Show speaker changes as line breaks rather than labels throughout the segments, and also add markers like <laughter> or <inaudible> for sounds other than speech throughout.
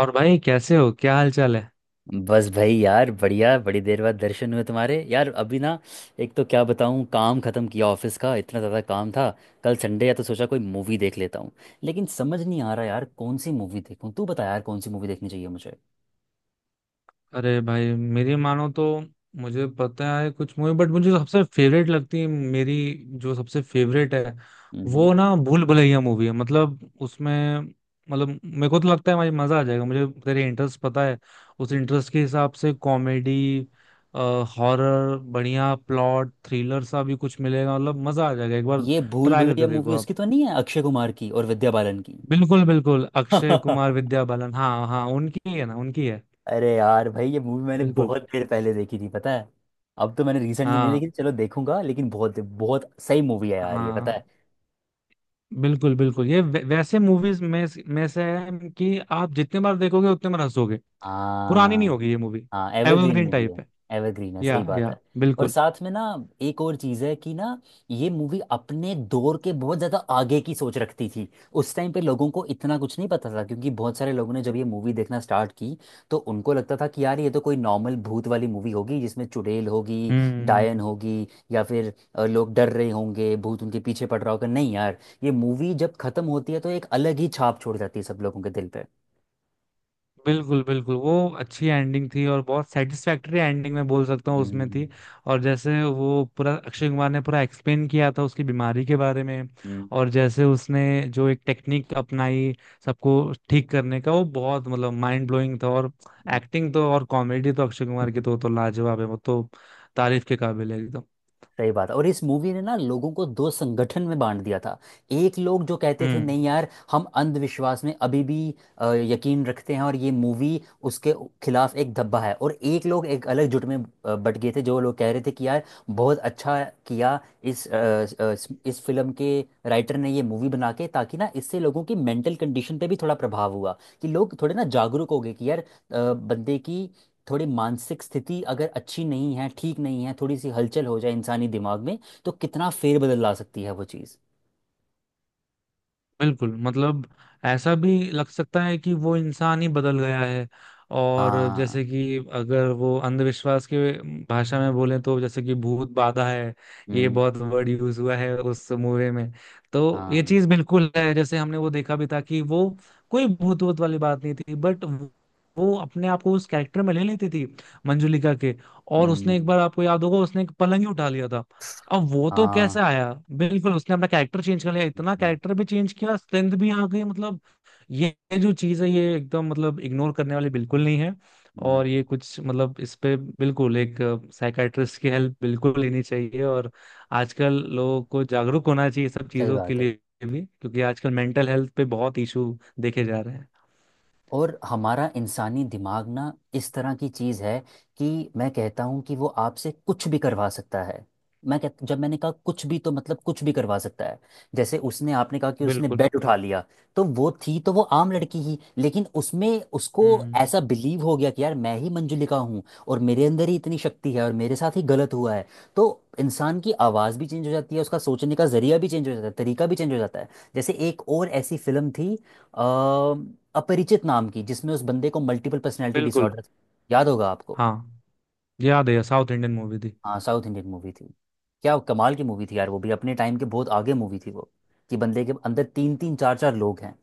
और भाई कैसे हो? क्या हाल चाल है?
बस भाई यार बढ़िया। बड़ी देर बाद दर्शन हुए तुम्हारे यार। अभी ना एक तो क्या बताऊँ, काम खत्म किया, ऑफिस का इतना ज़्यादा काम था। कल संडे है तो सोचा कोई मूवी देख लेता हूँ। लेकिन समझ नहीं आ रहा यार कौन सी मूवी देखूँ। तू बता यार कौन सी मूवी देखनी चाहिए मुझे।
अरे भाई मेरी मानो तो मुझे पता है कुछ मूवी, बट मुझे सबसे फेवरेट लगती है मेरी, जो सबसे फेवरेट है
हम्म।
वो ना भूल भुलैया मूवी है। मतलब उसमें मतलब मेरे को तो लगता है भाई मजा आ जाएगा। मुझे तेरे इंटरेस्ट पता है, उस इंटरेस्ट के हिसाब से कॉमेडी, हॉरर, बढ़िया प्लॉट, थ्रिलर सा भी कुछ मिलेगा। मतलब मजा आ जाएगा एक बार,
ये भूल
ट्राई
भुलैया
करके देखो
मूवी
आप।
उसकी तो नहीं है, अक्षय कुमार की और विद्या बालन की?
बिल्कुल बिल्कुल, अक्षय कुमार,
<laughs>
विद्या बालन, हाँ हाँ उनकी ही है ना, उनकी है।
अरे यार भाई, ये मूवी मैंने
बिल्कुल।
बहुत देर पहले देखी थी, पता है। अब तो मैंने रिसेंटली नहीं
हाँ।
देखी। चलो देखूंगा, लेकिन बहुत बहुत सही मूवी है यार ये, पता है।
हाँ। बिल्कुल बिल्कुल, ये वैसे मूवीज में से है कि आप जितने बार देखोगे उतने बार हंसोगे। पुरानी नहीं
हाँ।
होगी ये मूवी।
हाँ, एवरग्रीन
एवरग्रीन
मूवी
टाइप
है।
है।
एवरग्रीन है, सही बात
या
है। और
बिल्कुल।
साथ में ना एक और चीज़ है कि ना, ये मूवी अपने दौर के बहुत ज़्यादा आगे की सोच रखती थी। उस टाइम पे लोगों को इतना कुछ नहीं पता था, क्योंकि बहुत सारे लोगों ने जब ये मूवी देखना स्टार्ट की तो उनको लगता था कि यार ये तो कोई नॉर्मल भूत वाली मूवी होगी, जिसमें चुड़ैल होगी, डायन
हम्म।
होगी, या फिर लोग डर रहे होंगे, भूत उनके पीछे पड़ रहा होगा। नहीं यार, ये मूवी जब खत्म होती है तो एक अलग ही छाप छोड़ जाती है सब लोगों के दिल पे।
बिल्कुल बिल्कुल, वो अच्छी एंडिंग थी और बहुत सेटिस्फैक्टरी एंडिंग मैं बोल सकता हूँ उसमें
हम्म।
थी। और जैसे वो पूरा अक्षय कुमार ने पूरा एक्सप्लेन किया था उसकी बीमारी के बारे में।
हम्म।
और जैसे उसने जो एक टेक्निक अपनाई सबको ठीक करने का, वो बहुत मतलब माइंड ब्लोइंग था। और एक्टिंग तो और कॉमेडी तो अक्षय कुमार की तो,
सही
तो लाजवाब है वो तो, तारीफ के काबिल है एकदम।
बात है। और इस मूवी ने ना लोगों को दो संगठन में बांट दिया था। एक लोग जो कहते थे
हम्म।
नहीं यार हम अंधविश्वास में अभी भी यकीन रखते हैं और ये मूवी उसके खिलाफ एक धब्बा है, और एक लोग एक अलग जुट में बट गए थे जो लोग कह रहे थे कि यार बहुत अच्छा किया इस इस फिल्म के राइटर ने ये मूवी बना के, ताकि ना इससे लोगों की मेंटल कंडीशन पे भी थोड़ा प्रभाव हुआ कि लोग थोड़े ना जागरूक हो गए कि यार बंदे की थोड़ी मानसिक स्थिति अगर अच्छी नहीं है, ठीक नहीं है, थोड़ी सी हलचल हो जाए इंसानी दिमाग में तो कितना फेरबदल ला सकती है वो चीज़।
बिल्कुल मतलब ऐसा भी लग सकता है कि वो इंसान ही बदल गया है। और
हाँ।
जैसे कि अगर वो अंधविश्वास के भाषा में बोले तो जैसे कि भूत बाधा है, ये
हम्म।
बहुत वर्ड यूज हुआ है उस मूवी में। तो ये
हाँ।
चीज बिल्कुल है, जैसे हमने वो देखा भी था कि वो कोई भूत वूत वाली बात नहीं थी, बट वो अपने आप को उस कैरेक्टर में ले लेती थी, मंजुलिका के। और उसने
हम्म।
एक बार आपको याद होगा उसने एक पलंग ही उठा लिया था, अब वो तो
हाँ।
कैसे आया। बिल्कुल उसने अपना कैरेक्टर चेंज कर लिया, इतना
हम्म।
कैरेक्टर भी चेंज किया, स्ट्रेंथ भी आ गई मतलब। ये ये जो चीज है ये एकदम मतलब इग्नोर करने वाली बिल्कुल नहीं है।
हम्म।
और ये कुछ मतलब इस पे बिल्कुल एक साइकाइट्रिस्ट की हेल्प बिल्कुल लेनी चाहिए। और आजकल लोगों को जागरूक होना चाहिए सब
सही
चीजों के
बात है।
लिए भी, क्योंकि आजकल मेंटल हेल्थ पे बहुत इशू देखे जा रहे हैं।
और हमारा इंसानी दिमाग ना इस तरह की चीज़ है कि मैं कहता हूँ कि वो आपसे कुछ भी करवा सकता है। मैं कह जब मैंने कहा कुछ भी, तो मतलब कुछ भी करवा सकता है। जैसे उसने आपने कहा कि उसने
बिल्कुल।
बेड उठा लिया, तो वो थी तो वो आम लड़की ही, लेकिन उसमें उसको
हम्म।
ऐसा बिलीव हो गया कि यार मैं ही मंजुलिका हूँ, और मेरे अंदर ही इतनी शक्ति है, और मेरे साथ ही गलत हुआ है। तो इंसान की आवाज़ भी चेंज हो जाती है, उसका सोचने का जरिया भी चेंज हो जाता है, तरीका भी चेंज हो जाता है। जैसे एक और ऐसी फिल्म थी, अ, अपरिचित नाम की, जिसमें उस बंदे को मल्टीपल पर्सनैलिटी
बिल्कुल।
डिसऑर्डर, याद होगा आपको।
हाँ, याद है, साउथ इंडियन मूवी थी।
हाँ, साउथ इंडियन मूवी थी। क्या कमाल की मूवी थी यार, वो भी अपने टाइम के बहुत आगे मूवी थी वो। कि बंदे के अंदर तीन तीन चार चार लोग हैं।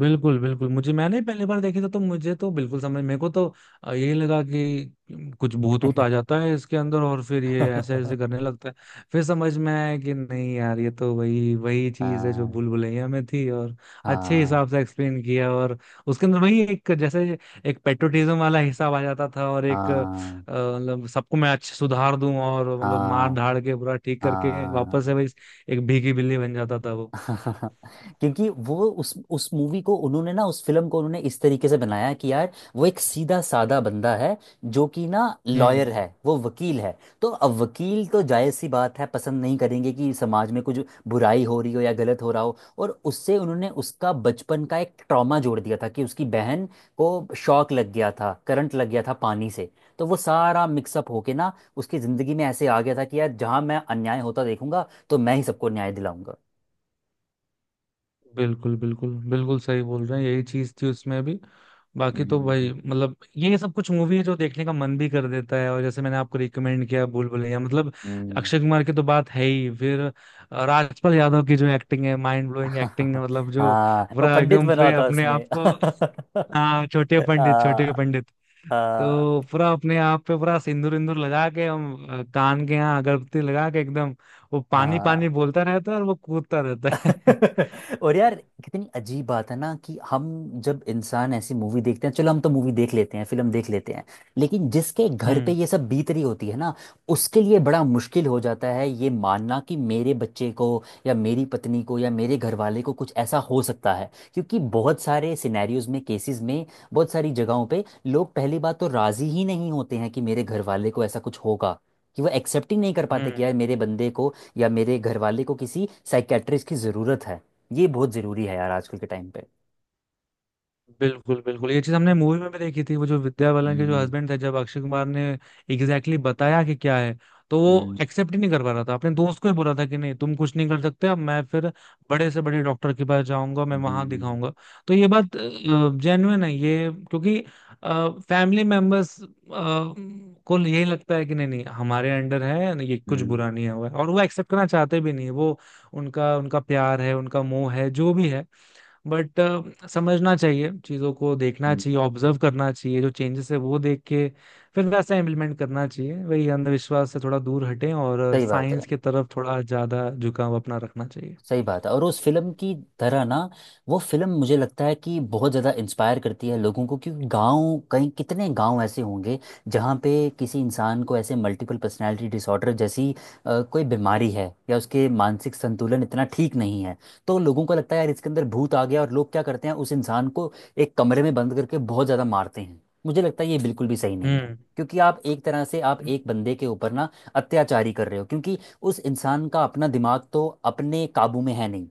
बिल्कुल बिल्कुल, मुझे मैंने पहली बार देखी था तो मुझे तो बिल्कुल समझ, मेरे को तो यही लगा कि कुछ भूत वूत आ जाता है इसके अंदर और फिर ये ऐसे ऐसे
<laughs>
करने लगता है। फिर समझ में आया कि नहीं यार ये तो वही वही चीज है जो
हाँ।
भूल भुलैया में थी। और अच्छे
हाँ।
हिसाब से एक्सप्लेन किया और उसके अंदर वही एक जैसे एक पेट्रोटिज्म वाला हिसाब आ जाता था। और एक
हाँ।
मतलब सबको मैं अच्छे सुधार दूं और मतलब मार
हाँ।
धाड़ के पूरा ठीक करके वापस से
हाँ।
वही एक भीगी बिल्ली बन जाता था वो।
<laughs> क्योंकि वो उस मूवी को उन्होंने ना, उस फिल्म को उन्होंने इस तरीके से बनाया है कि यार वो एक सीधा साधा बंदा है, जो कि ना
हम्म।
लॉयर है, वो वकील है। तो अब वकील तो जायज़ सी बात है, पसंद नहीं करेंगे कि समाज में कुछ बुराई हो रही हो या गलत हो रहा हो, और उससे उन्होंने उसका बचपन का एक ट्रॉमा जोड़ दिया था कि उसकी बहन को शॉक लग गया था, करंट लग गया था पानी से। तो वो सारा मिक्सअप होके ना उसकी ज़िंदगी में ऐसे आ गया था कि यार जहाँ मैं अन्याय होता देखूंगा तो मैं ही सबको न्याय दिलाऊंगा।
बिल्कुल बिल्कुल बिल्कुल, सही बोल रहे हैं, यही चीज थी उसमें भी। बाकी तो
हम्म।
भाई मतलब ये सब कुछ मूवी है जो देखने का मन भी कर देता है। और जैसे मैंने आपको रिकमेंड किया भूल भुलैया, मतलब
हम्म।
अक्षय कुमार की तो बात है ही, फिर राजपाल यादव की जो एक्टिंग है, माइंड ब्लोइंग एक्टिंग है
<laughs>
मतलब। जो
हाँ, वो
पूरा
पंडित
एकदम
बना
पूरे
था
अपने
उसमें।
आप
<laughs>
को, हाँ, छोटे पंडित, छोटे
हाँ।
पंडित,
हाँ।
तो पूरा अपने आप पे पूरा सिंदूर इंदूर लगा के, हम कान के यहाँ अगरबत्ती लगा के एकदम वो पानी
हाँ।
पानी बोलता रहता है और वो कूदता रहता है। <laughs>
<laughs> और यार कितनी अजीब बात है ना कि हम जब इंसान ऐसी मूवी देखते हैं, चलो हम तो मूवी देख लेते हैं, फिल्म देख लेते हैं, लेकिन जिसके घर पे
हम्म।
ये सब बीत रही होती है ना उसके लिए बड़ा मुश्किल हो जाता है ये मानना कि मेरे बच्चे को या मेरी पत्नी को या मेरे घर वाले को कुछ ऐसा हो सकता है। क्योंकि बहुत सारे सिनेरियोज में, केसेस में, बहुत सारी जगहों पे लोग पहली बात तो राजी ही नहीं होते हैं कि मेरे घर वाले को ऐसा कुछ होगा, कि वो एक्सेप्ट ही नहीं कर पाते कि
हम्म।
यार मेरे बंदे को या मेरे घर वाले को किसी साइकेट्रिस्ट की ज़रूरत है। ये बहुत ज़रूरी है यार आजकल के टाइम पे।
बिल्कुल बिल्कुल, ये चीज हमने मूवी में भी देखी थी। वो जो विद्या बालन के जो
हम्म।
हस्बैंड थे, जब अक्षय कुमार ने एग्जैक्टली exactly बताया कि क्या है, तो वो
हम्म।
एक्सेप्ट ही नहीं कर पा रहा था, अपने दोस्त को ही बोला था कि नहीं तुम कुछ नहीं कर सकते, अब मैं फिर बड़े से बड़े डॉक्टर के पास जाऊंगा, मैं वहां
हम्म।
दिखाऊंगा। तो ये बात जेन्युइन है ये, क्योंकि फैमिली मेंबर्स को यही लगता है कि नहीं नहीं हमारे अंडर है, ये कुछ
हम्म।
बुरा नहीं हुआ है। और वो एक्सेप्ट करना चाहते भी नहीं है। वो, उनका उनका प्यार है, उनका मोह है, जो भी है, बट समझना चाहिए, चीज़ों को देखना
हम्म।
चाहिए, ऑब्जर्व करना चाहिए, जो चेंजेस है वो देख के फिर वैसा इम्प्लीमेंट करना चाहिए। वही अंधविश्वास से थोड़ा दूर हटें और
सही बात है।
साइंस की तरफ थोड़ा ज़्यादा झुकाव अपना रखना चाहिए।
सही बात है। और उस फिल्म की तरह ना, वो फिल्म मुझे लगता है कि बहुत ज़्यादा इंस्पायर करती है लोगों को। क्योंकि गांव, कहीं कितने गांव ऐसे होंगे जहाँ पे किसी इंसान को ऐसे मल्टीपल पर्सनालिटी डिसऑर्डर जैसी कोई बीमारी है या उसके मानसिक संतुलन इतना ठीक नहीं है, तो लोगों को लगता है यार इसके अंदर भूत आ गया, और लोग क्या करते हैं उस इंसान को एक कमरे में बंद करके बहुत ज़्यादा मारते हैं। मुझे लगता है ये बिल्कुल भी सही नहीं है,
हम्म।
क्योंकि आप एक तरह से आप एक बंदे के ऊपर ना अत्याचारी कर रहे हो, क्योंकि उस इंसान का अपना दिमाग तो अपने काबू में है नहीं।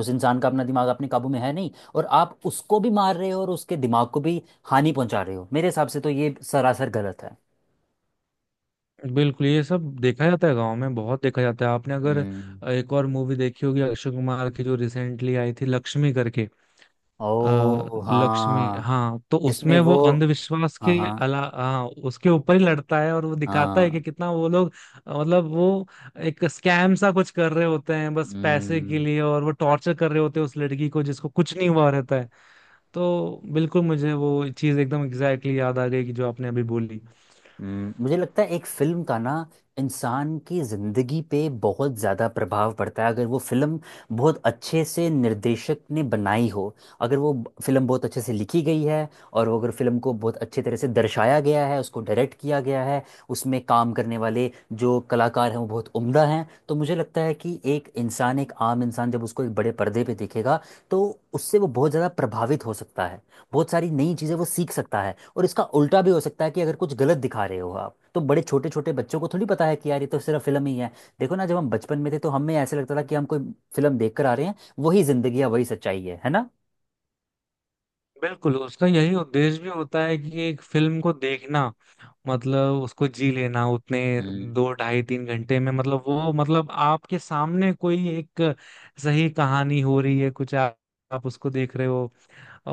उस इंसान का अपना दिमाग अपने काबू में है नहीं, और आप उसको भी मार रहे हो और उसके दिमाग को भी हानि पहुंचा रहे हो। मेरे हिसाब से तो ये सरासर गलत है।
बिल्कुल, ये सब देखा जाता है गांव में बहुत देखा जाता है। आपने अगर
हम्म।
एक और मूवी देखी होगी अक्षय कुमार की जो रिसेंटली आई थी, लक्ष्मी करके,
ओ
लक्ष्मी,
हाँ।
हाँ, तो
जिसमें
उसमें वो
वो।
अंधविश्वास के,
हाँ। हाँ।
अला, हाँ, उसके ऊपर ही लड़ता है। और वो दिखाता है
हाँ।
कि कितना वो लोग मतलब वो एक स्कैम सा कुछ कर रहे होते हैं बस पैसे के
हम्म।
लिए, और वो टॉर्चर कर रहे होते हैं उस लड़की को जिसको कुछ नहीं हुआ रहता है। तो बिल्कुल मुझे वो चीज एकदम एग्जैक्टली exactly याद आ गई कि जो आपने अभी बोली।
हम्म। मुझे लगता है एक फिल्म का ना इंसान की जिंदगी पे बहुत ज़्यादा प्रभाव पड़ता है, अगर वो फिल्म बहुत अच्छे से निर्देशक ने बनाई हो, अगर वो फिल्म बहुत अच्छे से लिखी गई है और वो अगर फिल्म को बहुत अच्छे तरह से दर्शाया गया है, उसको डायरेक्ट किया गया है, उसमें काम करने वाले जो कलाकार हैं वो बहुत उम्दा हैं, तो मुझे लगता है कि एक इंसान, एक आम इंसान जब उसको एक बड़े पर्दे पे देखेगा तो उससे वो बहुत ज़्यादा प्रभावित हो सकता है, बहुत सारी नई चीज़ें वो सीख सकता है। और इसका उल्टा भी हो सकता है कि अगर कुछ गलत दिखा रहे हो आप, तो बड़े छोटे छोटे बच्चों को थोड़ी पता है कि यार ये तो सिर्फ फिल्म ही है। देखो ना, जब हम बचपन में थे तो हमें ऐसे लगता था कि हम कोई फिल्म देख कर आ रहे हैं, वही जिंदगी है, वही सच्चाई है ना।
बिल्कुल, उसका यही उद्देश्य भी होता है कि एक फिल्म को देखना मतलब उसको जी लेना उतने
हम्म।
दो ढाई तीन घंटे में। मतलब वो मतलब आपके सामने कोई एक सही कहानी हो रही है कुछ, आप उसको देख रहे हो।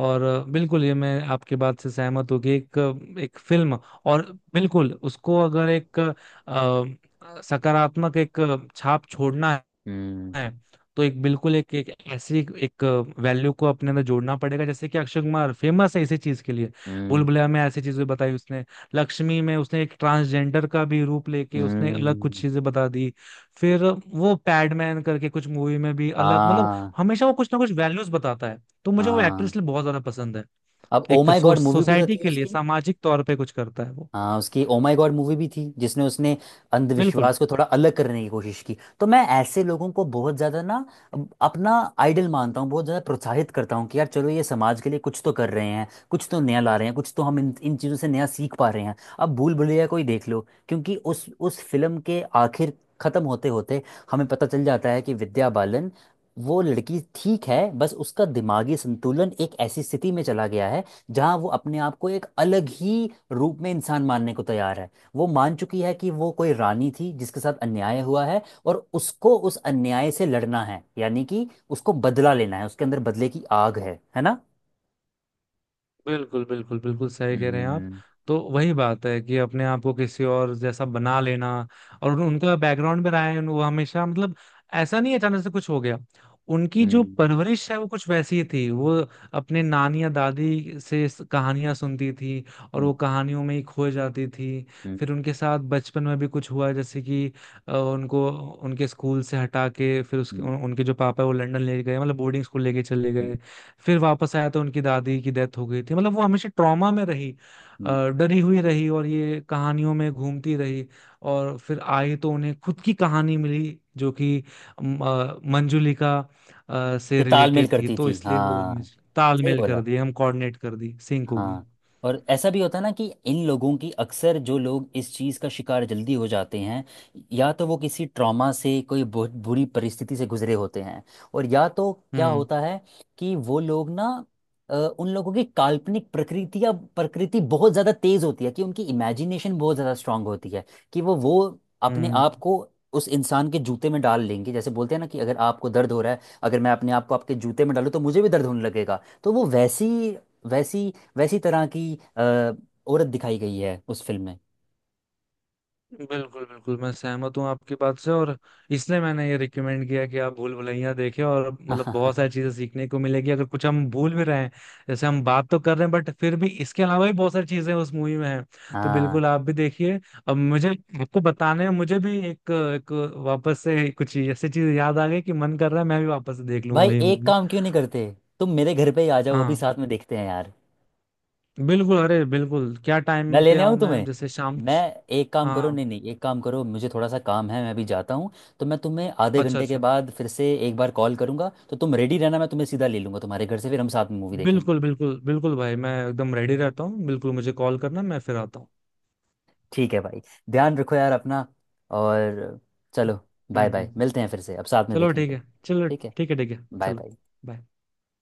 और बिल्कुल ये मैं आपके बात से सहमत हूँ कि एक एक फिल्म, और बिल्कुल उसको अगर एक सकारात्मक एक छाप छोड़ना
हम्म।
है तो एक बिल्कुल एक एक ऐसी एक वैल्यू को अपने अंदर जोड़ना पड़ेगा, जैसे कि अक्षय कुमार फेमस है इसी चीज के लिए। भूल
हम्म।
भुलैया में ऐसी चीजें बताई उसने, लक्ष्मी में उसने एक ट्रांसजेंडर का भी रूप लेके उसने अलग कुछ
हम्म।
चीजें बता दी, फिर वो पैडमैन करके कुछ मूवी में भी अलग मतलब,
हाँ।
हमेशा वो कुछ ना कुछ वैल्यूज बताता है। तो मुझे वो
हाँ,
एक्ट्रेस लिए बहुत ज्यादा पसंद है।
अब ओ
एक
माय गॉड मूवी भी तो
सोसाइटी
थी
के लिए
उसकी।
सामाजिक तौर पे कुछ करता है वो।
हाँ, उसकी ओ माय गॉड मूवी भी थी जिसमें उसने
बिल्कुल
अंधविश्वास को थोड़ा अलग करने की कोशिश की। तो मैं ऐसे लोगों को बहुत ज़्यादा ना अपना आइडल मानता हूँ, बहुत ज़्यादा प्रोत्साहित करता हूँ कि यार चलो ये समाज के लिए कुछ तो कर रहे हैं, कुछ तो नया ला रहे हैं, कुछ तो हम इन इन चीज़ों से नया सीख पा रहे हैं। अब भूल भुलैया को ही देख लो, क्योंकि उस फिल्म के आखिर, ख़त्म होते होते हमें पता चल जाता है कि विद्या बालन वो लड़की ठीक है, बस उसका दिमागी संतुलन एक ऐसी स्थिति में चला गया है जहाँ वो अपने आप को एक अलग ही रूप में इंसान मानने को तैयार है। वो मान चुकी है कि वो कोई रानी थी जिसके साथ अन्याय हुआ है, और उसको उस अन्याय से लड़ना है, यानी कि उसको बदला लेना है, उसके अंदर बदले की आग है ना।
बिल्कुल बिल्कुल बिल्कुल सही कह
हम्म।
रहे हैं आप।
हम्म।
तो वही बात है कि अपने आप को किसी और जैसा बना लेना, और उनका बैकग्राउंड में रहा है वो हमेशा मतलब, ऐसा नहीं है अचानक से कुछ हो गया। उनकी जो
हम्म।
परवरिश है वो कुछ वैसी ही थी। वो अपने नानी या दादी से कहानियां सुनती थी और
हम्म।
वो कहानियों में ही खो जाती थी। फिर उनके साथ बचपन में भी कुछ हुआ, जैसे कि उनको उनके स्कूल से हटा के, फिर उसके
हम्म।
उनके जो पापा है वो लंदन ले गए मतलब बोर्डिंग स्कूल लेके चले
हम्म।
गए। फिर वापस आया तो उनकी दादी की डेथ हो गई थी, मतलब वो हमेशा ट्रॉमा में रही,
हम्म।
डरी हुई रही और ये कहानियों में घूमती रही। और फिर आई तो उन्हें खुद की कहानी मिली जो कि मंजुलिका से
ये तालमेल
रिलेटेड थी,
करती
तो
थी,
इसलिए वो
हाँ।
उनमें से
सही
तालमेल कर
बोला।
दिए, हम कोऑर्डिनेट कर दी, सिंक हो गई।
हाँ। और ऐसा भी होता है ना कि इन लोगों की अक्सर, जो लोग इस चीज़ का शिकार जल्दी हो जाते हैं, या तो वो किसी ट्रॉमा से, कोई बहुत बुरी परिस्थिति से गुजरे होते हैं, और या तो क्या
हम्म।
होता है कि वो लोग ना उन लोगों की काल्पनिक प्रकृति या प्रकृति बहुत ज़्यादा तेज होती है, कि उनकी इमेजिनेशन बहुत ज़्यादा स्ट्रांग होती है, कि वो अपने
हम्म।
आप को उस इंसान के जूते में डाल लेंगे। जैसे बोलते हैं ना, कि अगर आपको दर्द हो रहा है, अगर मैं अपने आप को आपके जूते में डालूं तो मुझे भी दर्द होने लगेगा। तो वो वैसी वैसी वैसी तरह की अ, औरत दिखाई गई है उस फिल्म में।
बिल्कुल बिल्कुल, मैं सहमत हूँ आपकी बात से। और इसलिए मैंने ये रिकमेंड किया कि आप भूल भुलैया देखें, और मतलब बहुत
<laughs>
सारी चीजें सीखने को मिलेगी। अगर कुछ हम भूल भी रहे हैं जैसे हम बात तो कर रहे हैं, बट फिर भी इसके अलावा भी बहुत सारी चीजें उस मूवी में हैं। तो
हाँ,
बिल्कुल आप भी देखिए। अब मुझे आपको बताने में मुझे भी एक वापस से कुछ ऐसी चीज याद आ गई कि मन कर रहा है मैं भी वापस से देख लूँ
भाई
वही
एक
मूवी।
काम क्यों नहीं करते, तुम मेरे घर पे ही आ जाओ अभी,
हाँ
साथ में देखते हैं यार।
बिल्कुल, अरे बिल्कुल, क्या
मैं
टाइम पे
लेने आऊँ
आऊँ मैं,
तुम्हें?
जैसे शाम?
मैं एक काम करो,
हाँ।
नहीं नहीं, एक काम करो, मुझे थोड़ा सा काम है, मैं अभी जाता हूँ, तो मैं तुम्हें आधे
अच्छा
घंटे के
अच्छा,
बाद फिर से एक बार कॉल करूंगा, तो तुम रेडी रहना, मैं तुम्हें सीधा ले लूंगा तुम्हारे घर से, फिर हम साथ में मूवी देखेंगे।
बिल्कुल बिल्कुल बिल्कुल भाई, मैं एकदम रेडी रहता हूँ, बिल्कुल मुझे कॉल करना, मैं फिर आता हूँ।
ठीक है भाई, ध्यान रखो यार अपना, और चलो
हम्म।
बाय बाय,
हम्म।
मिलते हैं फिर से, अब साथ में
चलो ठीक
देखेंगे।
है, चलो।
ठीक है।
ठीक है। ठीक है
बाय
चलो।
बाय।
bye.